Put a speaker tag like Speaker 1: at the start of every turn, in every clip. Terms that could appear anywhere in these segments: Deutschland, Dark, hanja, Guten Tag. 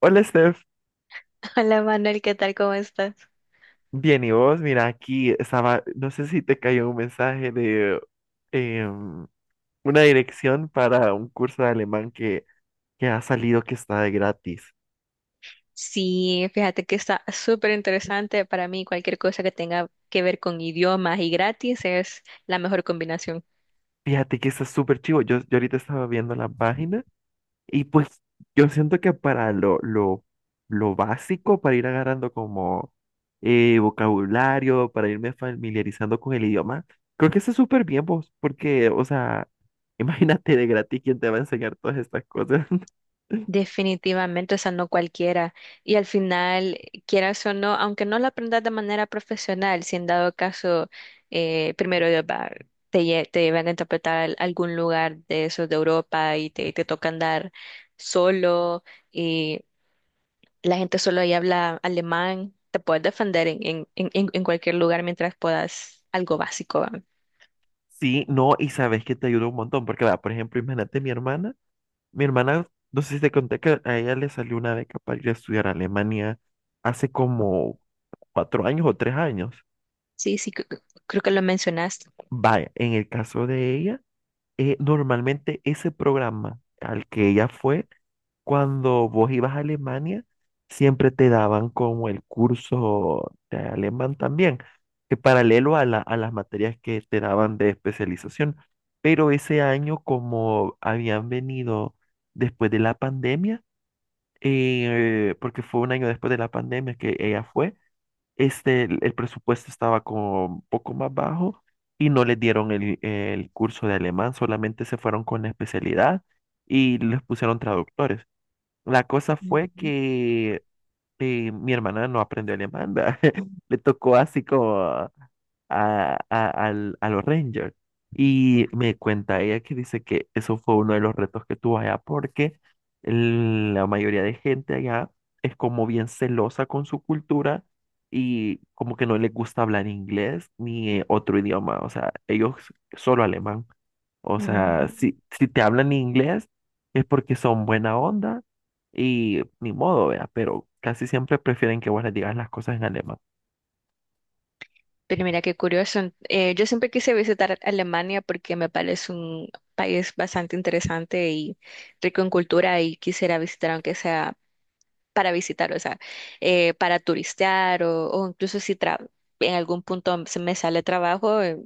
Speaker 1: Hola Steph,
Speaker 2: Hola Manuel, ¿qué tal? ¿Cómo estás?
Speaker 1: bien, ¿y vos? Mira, aquí estaba, no sé si te cayó un mensaje de em, una dirección para un curso de alemán que ha salido que está de gratis.
Speaker 2: Sí, fíjate que está súper interesante para mí. Cualquier cosa que tenga que ver con idiomas y gratis es la mejor combinación.
Speaker 1: Fíjate que está súper chivo. Yo ahorita estaba viendo la página y pues yo siento que para lo básico, para ir agarrando como vocabulario, para irme familiarizando con el idioma, creo que está súper bien vos, porque, o sea, imagínate de gratis quién te va a enseñar todas estas cosas.
Speaker 2: Definitivamente, o sea, no cualquiera. Y al final, quieras o no, aunque no lo aprendas de manera profesional, si en dado caso, primero Dios va, te llevan a interpretar algún lugar de esos de Europa y te toca andar solo. La gente solo ahí habla alemán. Te puedes defender en cualquier lugar mientras puedas algo básico, ¿va?
Speaker 1: Sí, no, y sabes que te ayuda un montón, porque va, por ejemplo, imagínate mi hermana, no sé si te conté que a ella le salió una beca para ir a estudiar a Alemania hace como 4 años o 3 años.
Speaker 2: Sí, sí, creo que lo mencionaste.
Speaker 1: Vaya, en el caso de ella. Normalmente ese programa al que ella fue, cuando vos ibas a Alemania, siempre te daban como el curso de alemán también, que paralelo a a las materias que te daban de especialización. Pero ese año, como habían venido después de la pandemia, porque fue un año después de la pandemia que ella fue, este, el presupuesto estaba como un poco más bajo y no les dieron el curso de alemán, solamente se fueron con la especialidad y les pusieron traductores. La cosa fue
Speaker 2: Ujú.
Speaker 1: que mi hermana no aprendió alemán, ¿verdad? Le tocó así como a los Rangers. Y me cuenta ella que dice que eso fue uno de los retos que tuvo allá porque la mayoría de gente allá es como bien celosa con su cultura y como que no les gusta hablar inglés ni otro idioma, o sea, ellos solo alemán. O
Speaker 2: Ujú.
Speaker 1: sea, si te hablan inglés es porque son buena onda y ni modo, vea, pero casi siempre prefieren que vos les digas las cosas en alemán.
Speaker 2: Pero mira qué curioso. Yo siempre quise visitar Alemania porque me parece un país bastante interesante y rico en cultura, y quisiera visitar aunque sea para visitar, o sea, para turistear o incluso si tra- en algún punto se me sale trabajo,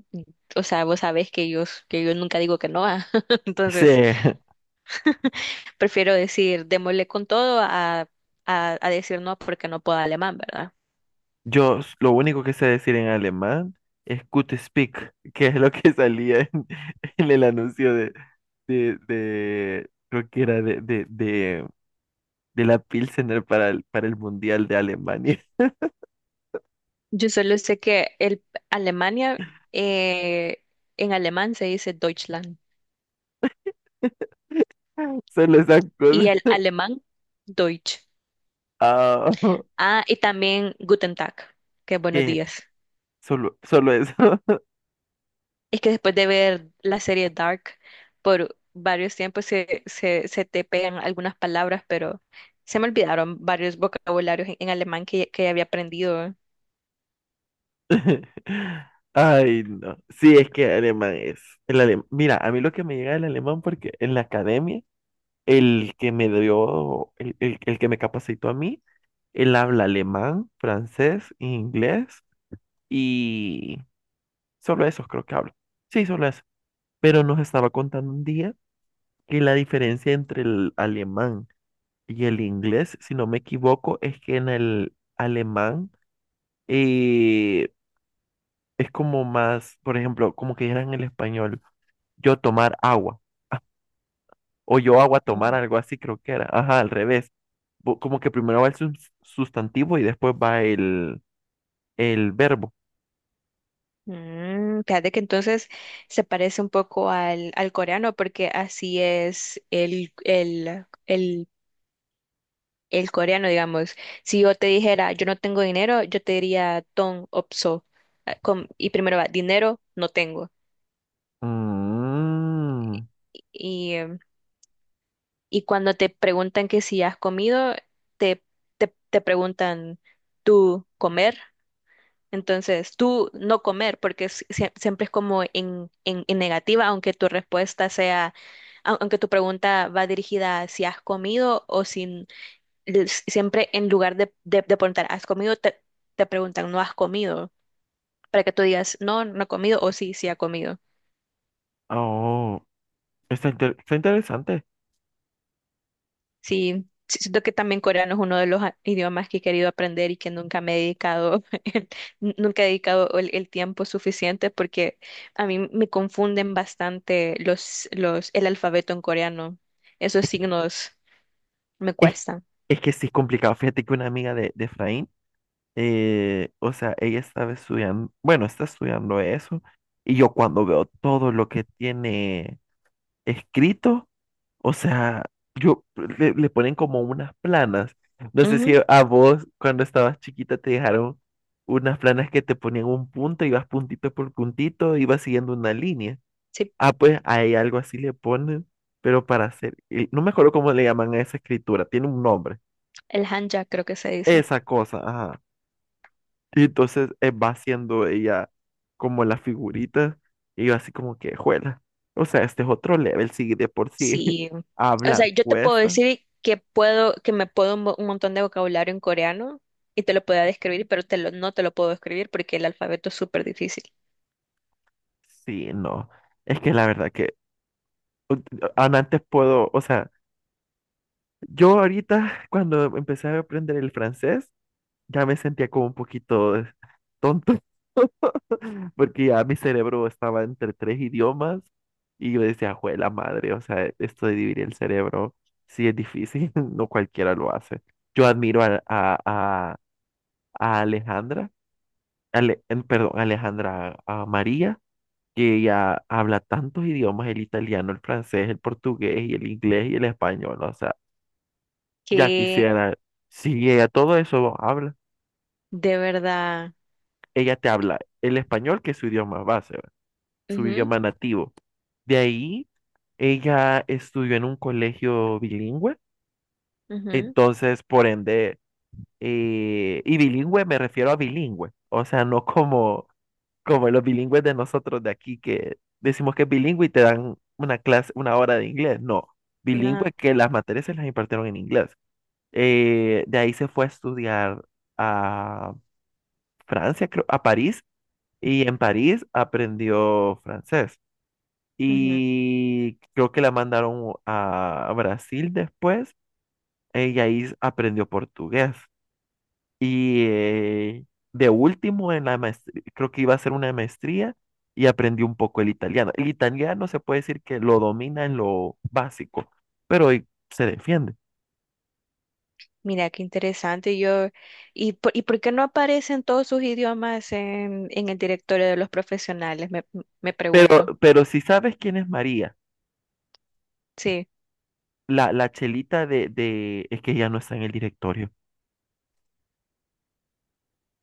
Speaker 2: o sea, vos sabés que yo nunca digo que no, ah.
Speaker 1: Sí.
Speaker 2: Entonces prefiero decir démosle con todo a, a decir no porque no puedo alemán, ¿verdad?
Speaker 1: Yo lo único que sé decir en alemán es Gute Speak, que es lo que salía en, en el anuncio creo que era de la Pilsener para el Mundial de Alemania.
Speaker 2: Yo solo sé que el Alemania, eh, en alemán se dice Deutschland,
Speaker 1: Solo esas
Speaker 2: y
Speaker 1: cosas.
Speaker 2: el alemán Deutsch.
Speaker 1: Ah,
Speaker 2: Ah, y también Guten Tag, que buenos
Speaker 1: que
Speaker 2: días.
Speaker 1: solo eso.
Speaker 2: Es que después de ver la serie Dark por varios tiempos se te pegan algunas palabras, pero se me olvidaron varios vocabularios en alemán que había aprendido.
Speaker 1: Ay, no. Sí, es que alemán es. Mira, a mí lo que me llega del alemán, porque en la academia, el que me dio, el que me capacitó a mí, él habla alemán, francés, inglés y solo esos creo que habla. Sí, solo eso. Pero nos estaba contando un día que la diferencia entre el alemán y el inglés, si no me equivoco, es que en el alemán eh, es como más, por ejemplo, como que era en el español, yo tomar agua o yo agua tomar,
Speaker 2: Ujú.
Speaker 1: algo así creo que era. Ajá, al revés. Como que primero va el sustantivo y después va el verbo.
Speaker 2: Mm, fíjate que entonces se parece un poco al, al coreano, porque así es el coreano, digamos. Si yo te dijera, yo no tengo dinero, yo te diría, ton opso. Ah, y primero va, dinero, no tengo.
Speaker 1: Mm.
Speaker 2: Y cuando te preguntan que si has comido, te, te preguntan tú comer. Entonces, tú no comer, porque siempre es como en, en negativa, aunque tu respuesta sea, aunque tu pregunta va dirigida a si has comido o sin, siempre en lugar de, de preguntar, ¿has comido? Te preguntan, ¿no has comido? Para que tú digas, no, no he comido, o sí, sí ha comido.
Speaker 1: Oh, está, está interesante.
Speaker 2: Sí, sí, siento que también coreano es uno de los idiomas que he querido aprender y que nunca me he dedicado, nunca he dedicado el tiempo suficiente porque a mí me confunden bastante el alfabeto en coreano. Esos signos me
Speaker 1: Es,
Speaker 2: cuestan.
Speaker 1: es que sí es complicado. Fíjate que una amiga de Efraín, o sea, ella estaba estudiando, bueno, está estudiando eso, y yo cuando veo todo lo que tiene escrito, o sea, yo le ponen como unas planas. No sé si
Speaker 2: Ujú.
Speaker 1: a vos cuando estabas chiquita te dejaron unas planas que te ponían un punto, ibas puntito por puntito, ibas siguiendo una línea.
Speaker 2: Sí,
Speaker 1: Ah, pues hay algo así le ponen, pero para hacer, y no me acuerdo cómo le llaman a esa escritura, tiene un nombre,
Speaker 2: el hanja creo que se dice.
Speaker 1: esa cosa, ajá. Y entonces va haciendo ella como las figuritas, y yo así como que, juela. O sea, este es otro level, sí, de por sí
Speaker 2: Sí. O sea,
Speaker 1: hablar
Speaker 2: yo te puedo
Speaker 1: cuesta.
Speaker 2: decir que puedo, que me puedo un, un montón de vocabulario en coreano, y te lo puedo describir, pero no te lo puedo describir porque el alfabeto es súper difícil.
Speaker 1: Sí, no. Es que la verdad que u- aún antes puedo, o sea, yo ahorita cuando empecé a aprender el francés, ya me sentía como un poquito tonto, porque ya mi cerebro estaba entre tres idiomas y yo decía, jue la madre, o sea, esto de dividir el cerebro sí es difícil, no cualquiera lo hace. Yo admiro a Alejandra, perdón, Alejandra, a María, que ella habla tantos idiomas, el italiano, el francés, el portugués y el inglés y el español, o sea, ya quisiera, si ella todo eso habla,
Speaker 2: De verdad.
Speaker 1: ella te habla el español, que es su idioma base, ¿va? Su
Speaker 2: Ujú,
Speaker 1: idioma nativo. De ahí, ella estudió en un colegio bilingüe,
Speaker 2: ujú,
Speaker 1: entonces, por ende, y bilingüe me refiero a bilingüe, o sea, no como, como los bilingües de nosotros de aquí que decimos que es bilingüe y te dan una clase, una hora de inglés, no, bilingüe
Speaker 2: no,
Speaker 1: que las materias se las impartieron en inglés. De ahí se fue a estudiar a Francia, creo, a París, y en París aprendió francés.
Speaker 2: ujú.
Speaker 1: Y creo que la mandaron a Brasil después, y ahí aprendió portugués. Y de último, en la maestría, creo que iba a hacer una maestría y aprendió un poco el italiano. El italiano se puede decir que lo domina en lo básico, pero se defiende.
Speaker 2: Mira, qué interesante. Yo, ¿y por qué no aparecen todos sus idiomas en el directorio de los profesionales? Me
Speaker 1: Pero,
Speaker 2: pregunto.
Speaker 1: pero si sabes quién es María,
Speaker 2: Sí,
Speaker 1: la chelita es que ya no está en el directorio.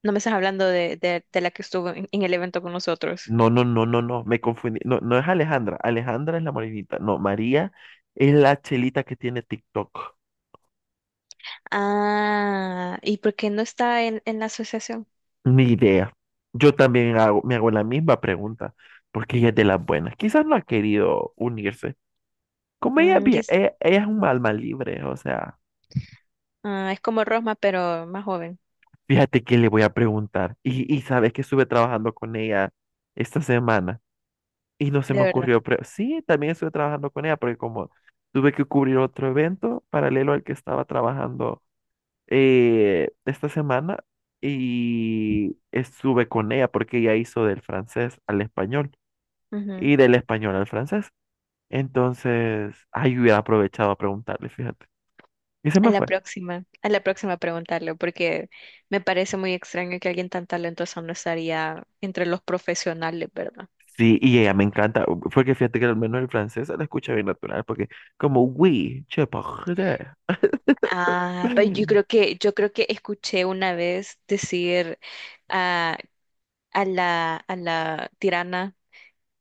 Speaker 2: no me estás hablando de la que estuvo en el evento con nosotros.
Speaker 1: No, no, no, no, no, me confundí. No, no es Alejandra. Alejandra es la morenita. No, María es la chelita que tiene TikTok.
Speaker 2: Ah, ¿y por qué no está en la asociación?
Speaker 1: Ni idea. Yo también me hago la misma pregunta, porque ella es de las buenas. Quizás no ha querido unirse. Como ella,
Speaker 2: Mm, y es,
Speaker 1: ella es un alma libre, o sea,
Speaker 2: ah, es como Rosma, pero más joven,
Speaker 1: fíjate que le voy a preguntar. Y sabes que estuve trabajando con ella esta semana y no se
Speaker 2: de
Speaker 1: me
Speaker 2: verdad.
Speaker 1: ocurrió. Sí, también estuve trabajando con ella, porque como tuve que cubrir otro evento paralelo al que estaba trabajando esta semana y estuve con ella porque ella hizo del francés al español y del español al francés. Entonces, ahí hubiera aprovechado a preguntarle, fíjate. Y se me fue.
Speaker 2: A la próxima preguntarle, porque me parece muy extraño que alguien tan talentoso no estaría entre los profesionales, ¿verdad?
Speaker 1: Sí, y ella me encanta, porque fíjate que al menos el francés se la escucha bien natural, porque como, oui, je parle.
Speaker 2: Ah, pues yo creo que escuché una vez decir, ah, a la tirana,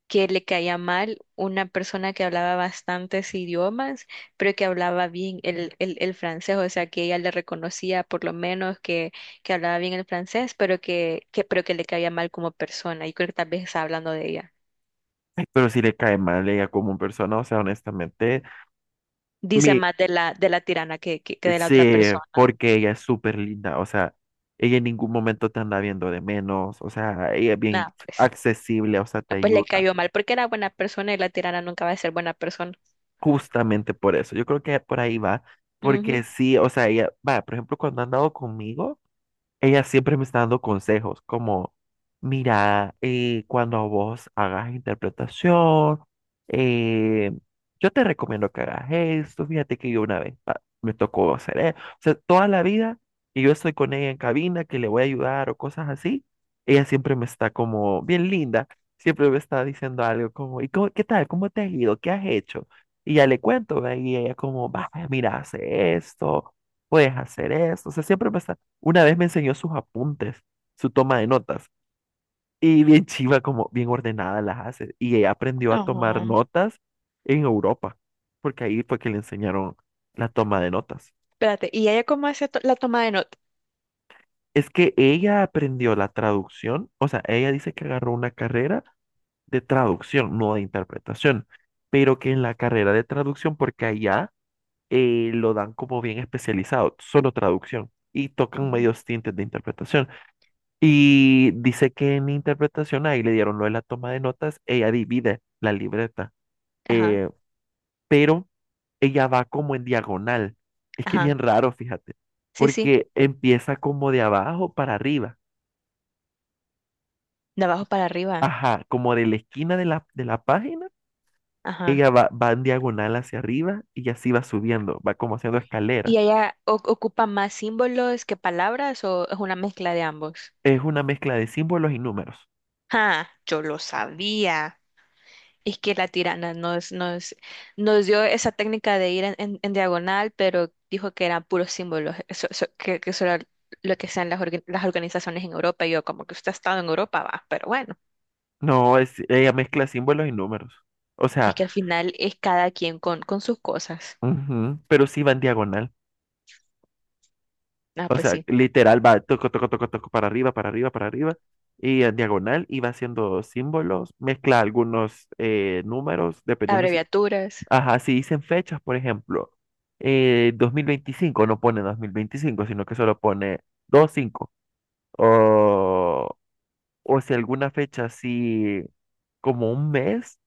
Speaker 2: que le caía mal una persona que hablaba bastantes idiomas, pero que hablaba bien el francés, o sea, que ella le reconocía por lo menos que hablaba bien el francés, pero pero que le caía mal como persona. Y creo que tal vez está hablando de ella.
Speaker 1: Pero si le cae mal ella como persona, o sea, honestamente,
Speaker 2: Dice
Speaker 1: mi
Speaker 2: más de la tirana que de la otra
Speaker 1: sí,
Speaker 2: persona.
Speaker 1: porque ella es súper linda, o sea, ella en ningún momento te anda viendo de menos, o sea, ella es bien
Speaker 2: Nada, pues,
Speaker 1: accesible, o sea,
Speaker 2: ah,
Speaker 1: te
Speaker 2: pues le
Speaker 1: ayuda,
Speaker 2: cayó mal porque era buena persona, y la tirana nunca va a ser buena persona.
Speaker 1: justamente por eso. Yo creo que por ahí va,
Speaker 2: Ujú.
Speaker 1: porque sí, o sea, ella, va, por ejemplo, cuando ha andado conmigo. Ella siempre me está dando consejos como, mira, cuando vos hagas interpretación, eh, yo te recomiendo que hagas esto, fíjate que yo una vez me tocó hacer eso, o sea, toda la vida que yo estoy con ella en cabina, que le voy a ayudar o cosas así, ella siempre me está como bien linda, siempre me está diciendo algo como, ¿y qué tal? ¿Cómo te has ido? ¿Qué has hecho? Y ya le cuento, ¿ve? Y ella como, vaya, mira, hace esto, puedes hacer esto, o sea, siempre me está. Una vez me enseñó sus apuntes, su toma de notas, y bien chiva, como bien ordenada las hace. Y ella aprendió a tomar
Speaker 2: Ajá.
Speaker 1: notas en Europa, porque ahí fue que le enseñaron la toma de notas.
Speaker 2: Espérate, ¿y ella cómo hace la toma de nota?
Speaker 1: Es que ella aprendió la traducción, o sea, ella dice que agarró una carrera de traducción, no de interpretación, pero que en la carrera de traducción, porque allá lo dan como bien especializado, solo traducción, y tocan
Speaker 2: Ujú.
Speaker 1: medios tintes de interpretación. Y dice que en interpretación ahí le dieron lo de la toma de notas, ella divide la libreta,
Speaker 2: Ajá,
Speaker 1: eh, pero ella va como en diagonal. Es que es
Speaker 2: ajá.
Speaker 1: bien raro, fíjate,
Speaker 2: Sí, sí,
Speaker 1: porque empieza como de abajo para arriba,
Speaker 2: de abajo para arriba.
Speaker 1: ajá, como de la esquina de la página,
Speaker 2: Ajá.
Speaker 1: ella va en diagonal hacia arriba y así va subiendo, va como haciendo
Speaker 2: ¿Y
Speaker 1: escalera.
Speaker 2: ella ocupa más símbolos que palabras, o es una mezcla de ambos?
Speaker 1: Es una mezcla de símbolos y números.
Speaker 2: Ah, yo lo sabía. Es que la tirana nos dio esa técnica de ir en, en diagonal, pero dijo que eran puros símbolos, que eso era lo que sean las, las organizaciones en Europa. Y yo, como que usted ha estado en Europa, va, pero bueno,
Speaker 1: No, ella mezcla símbolos y números. O
Speaker 2: es
Speaker 1: sea,
Speaker 2: que al final es cada quien con sus cosas.
Speaker 1: ujú, pero sí va en diagonal.
Speaker 2: Ah,
Speaker 1: O
Speaker 2: pues
Speaker 1: sea,
Speaker 2: sí,
Speaker 1: literal va toco, toco, toco, toco para arriba, para arriba, para arriba. Y en diagonal y va haciendo símbolos, mezcla algunos números, dependiendo si...
Speaker 2: abreviaturas.
Speaker 1: Ajá, si dicen fechas, por ejemplo, 2025 no pone 2025 sino que solo pone 25. O, o si alguna fecha así como un mes,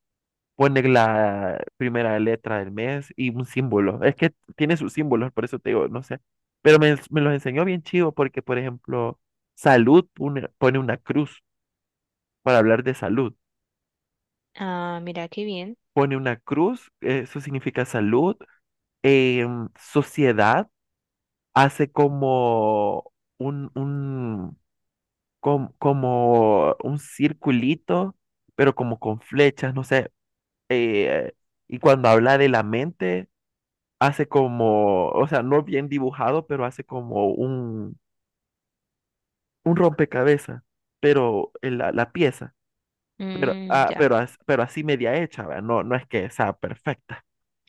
Speaker 1: poner la primera letra del mes y un símbolo. Es que tiene sus símbolos, por eso te digo, no sé. Pero me los enseñó bien chido porque, por ejemplo, salud pone una cruz para hablar de salud.
Speaker 2: Ah, mira, qué bien.
Speaker 1: Pone una cruz, eso significa salud. Sociedad hace como un, un, como un circulito, pero como con flechas, no sé. eh, y cuando habla de la mente hace como, o sea, no bien dibujado, pero hace como un rompecabezas, pero en la pieza, pero,
Speaker 2: Mm,
Speaker 1: ah,
Speaker 2: ya,
Speaker 1: pero así media hecha, ¿verdad? No, no es que sea perfecta.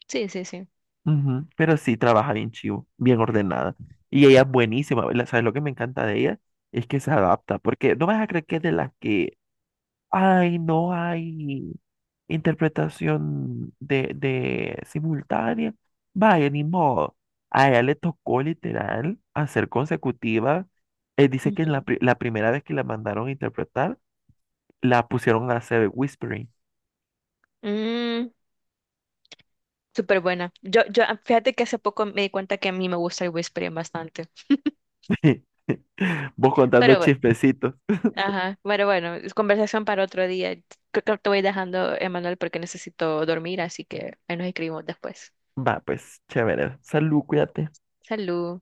Speaker 2: sí, sí, sí.
Speaker 1: Ujú. Pero sí trabaja bien chivo, bien ordenada. Y ella es buenísima, ¿sabes lo que me encanta de ella? Es que se adapta, porque no vas a creer que es de las que, ay, no hay interpretación de simultánea. Vaya, ni modo. A ella le tocó literal hacer consecutiva. Él dice que en la primera vez que la mandaron a interpretar, la pusieron a hacer whispering.
Speaker 2: Ujú. Súper buena. Yo, ah, fíjate que hace poco me di cuenta que a mí me gusta el whispering bastante.
Speaker 1: Vos contando
Speaker 2: Pero bueno,
Speaker 1: chispecitos.
Speaker 2: ajá, pero bueno, es conversación para otro día. Creo que te voy dejando, Emanuel, porque necesito dormir, así que ahí nos escribimos después.
Speaker 1: Va, pues, chévere. Salud, cuídate.
Speaker 2: Salud.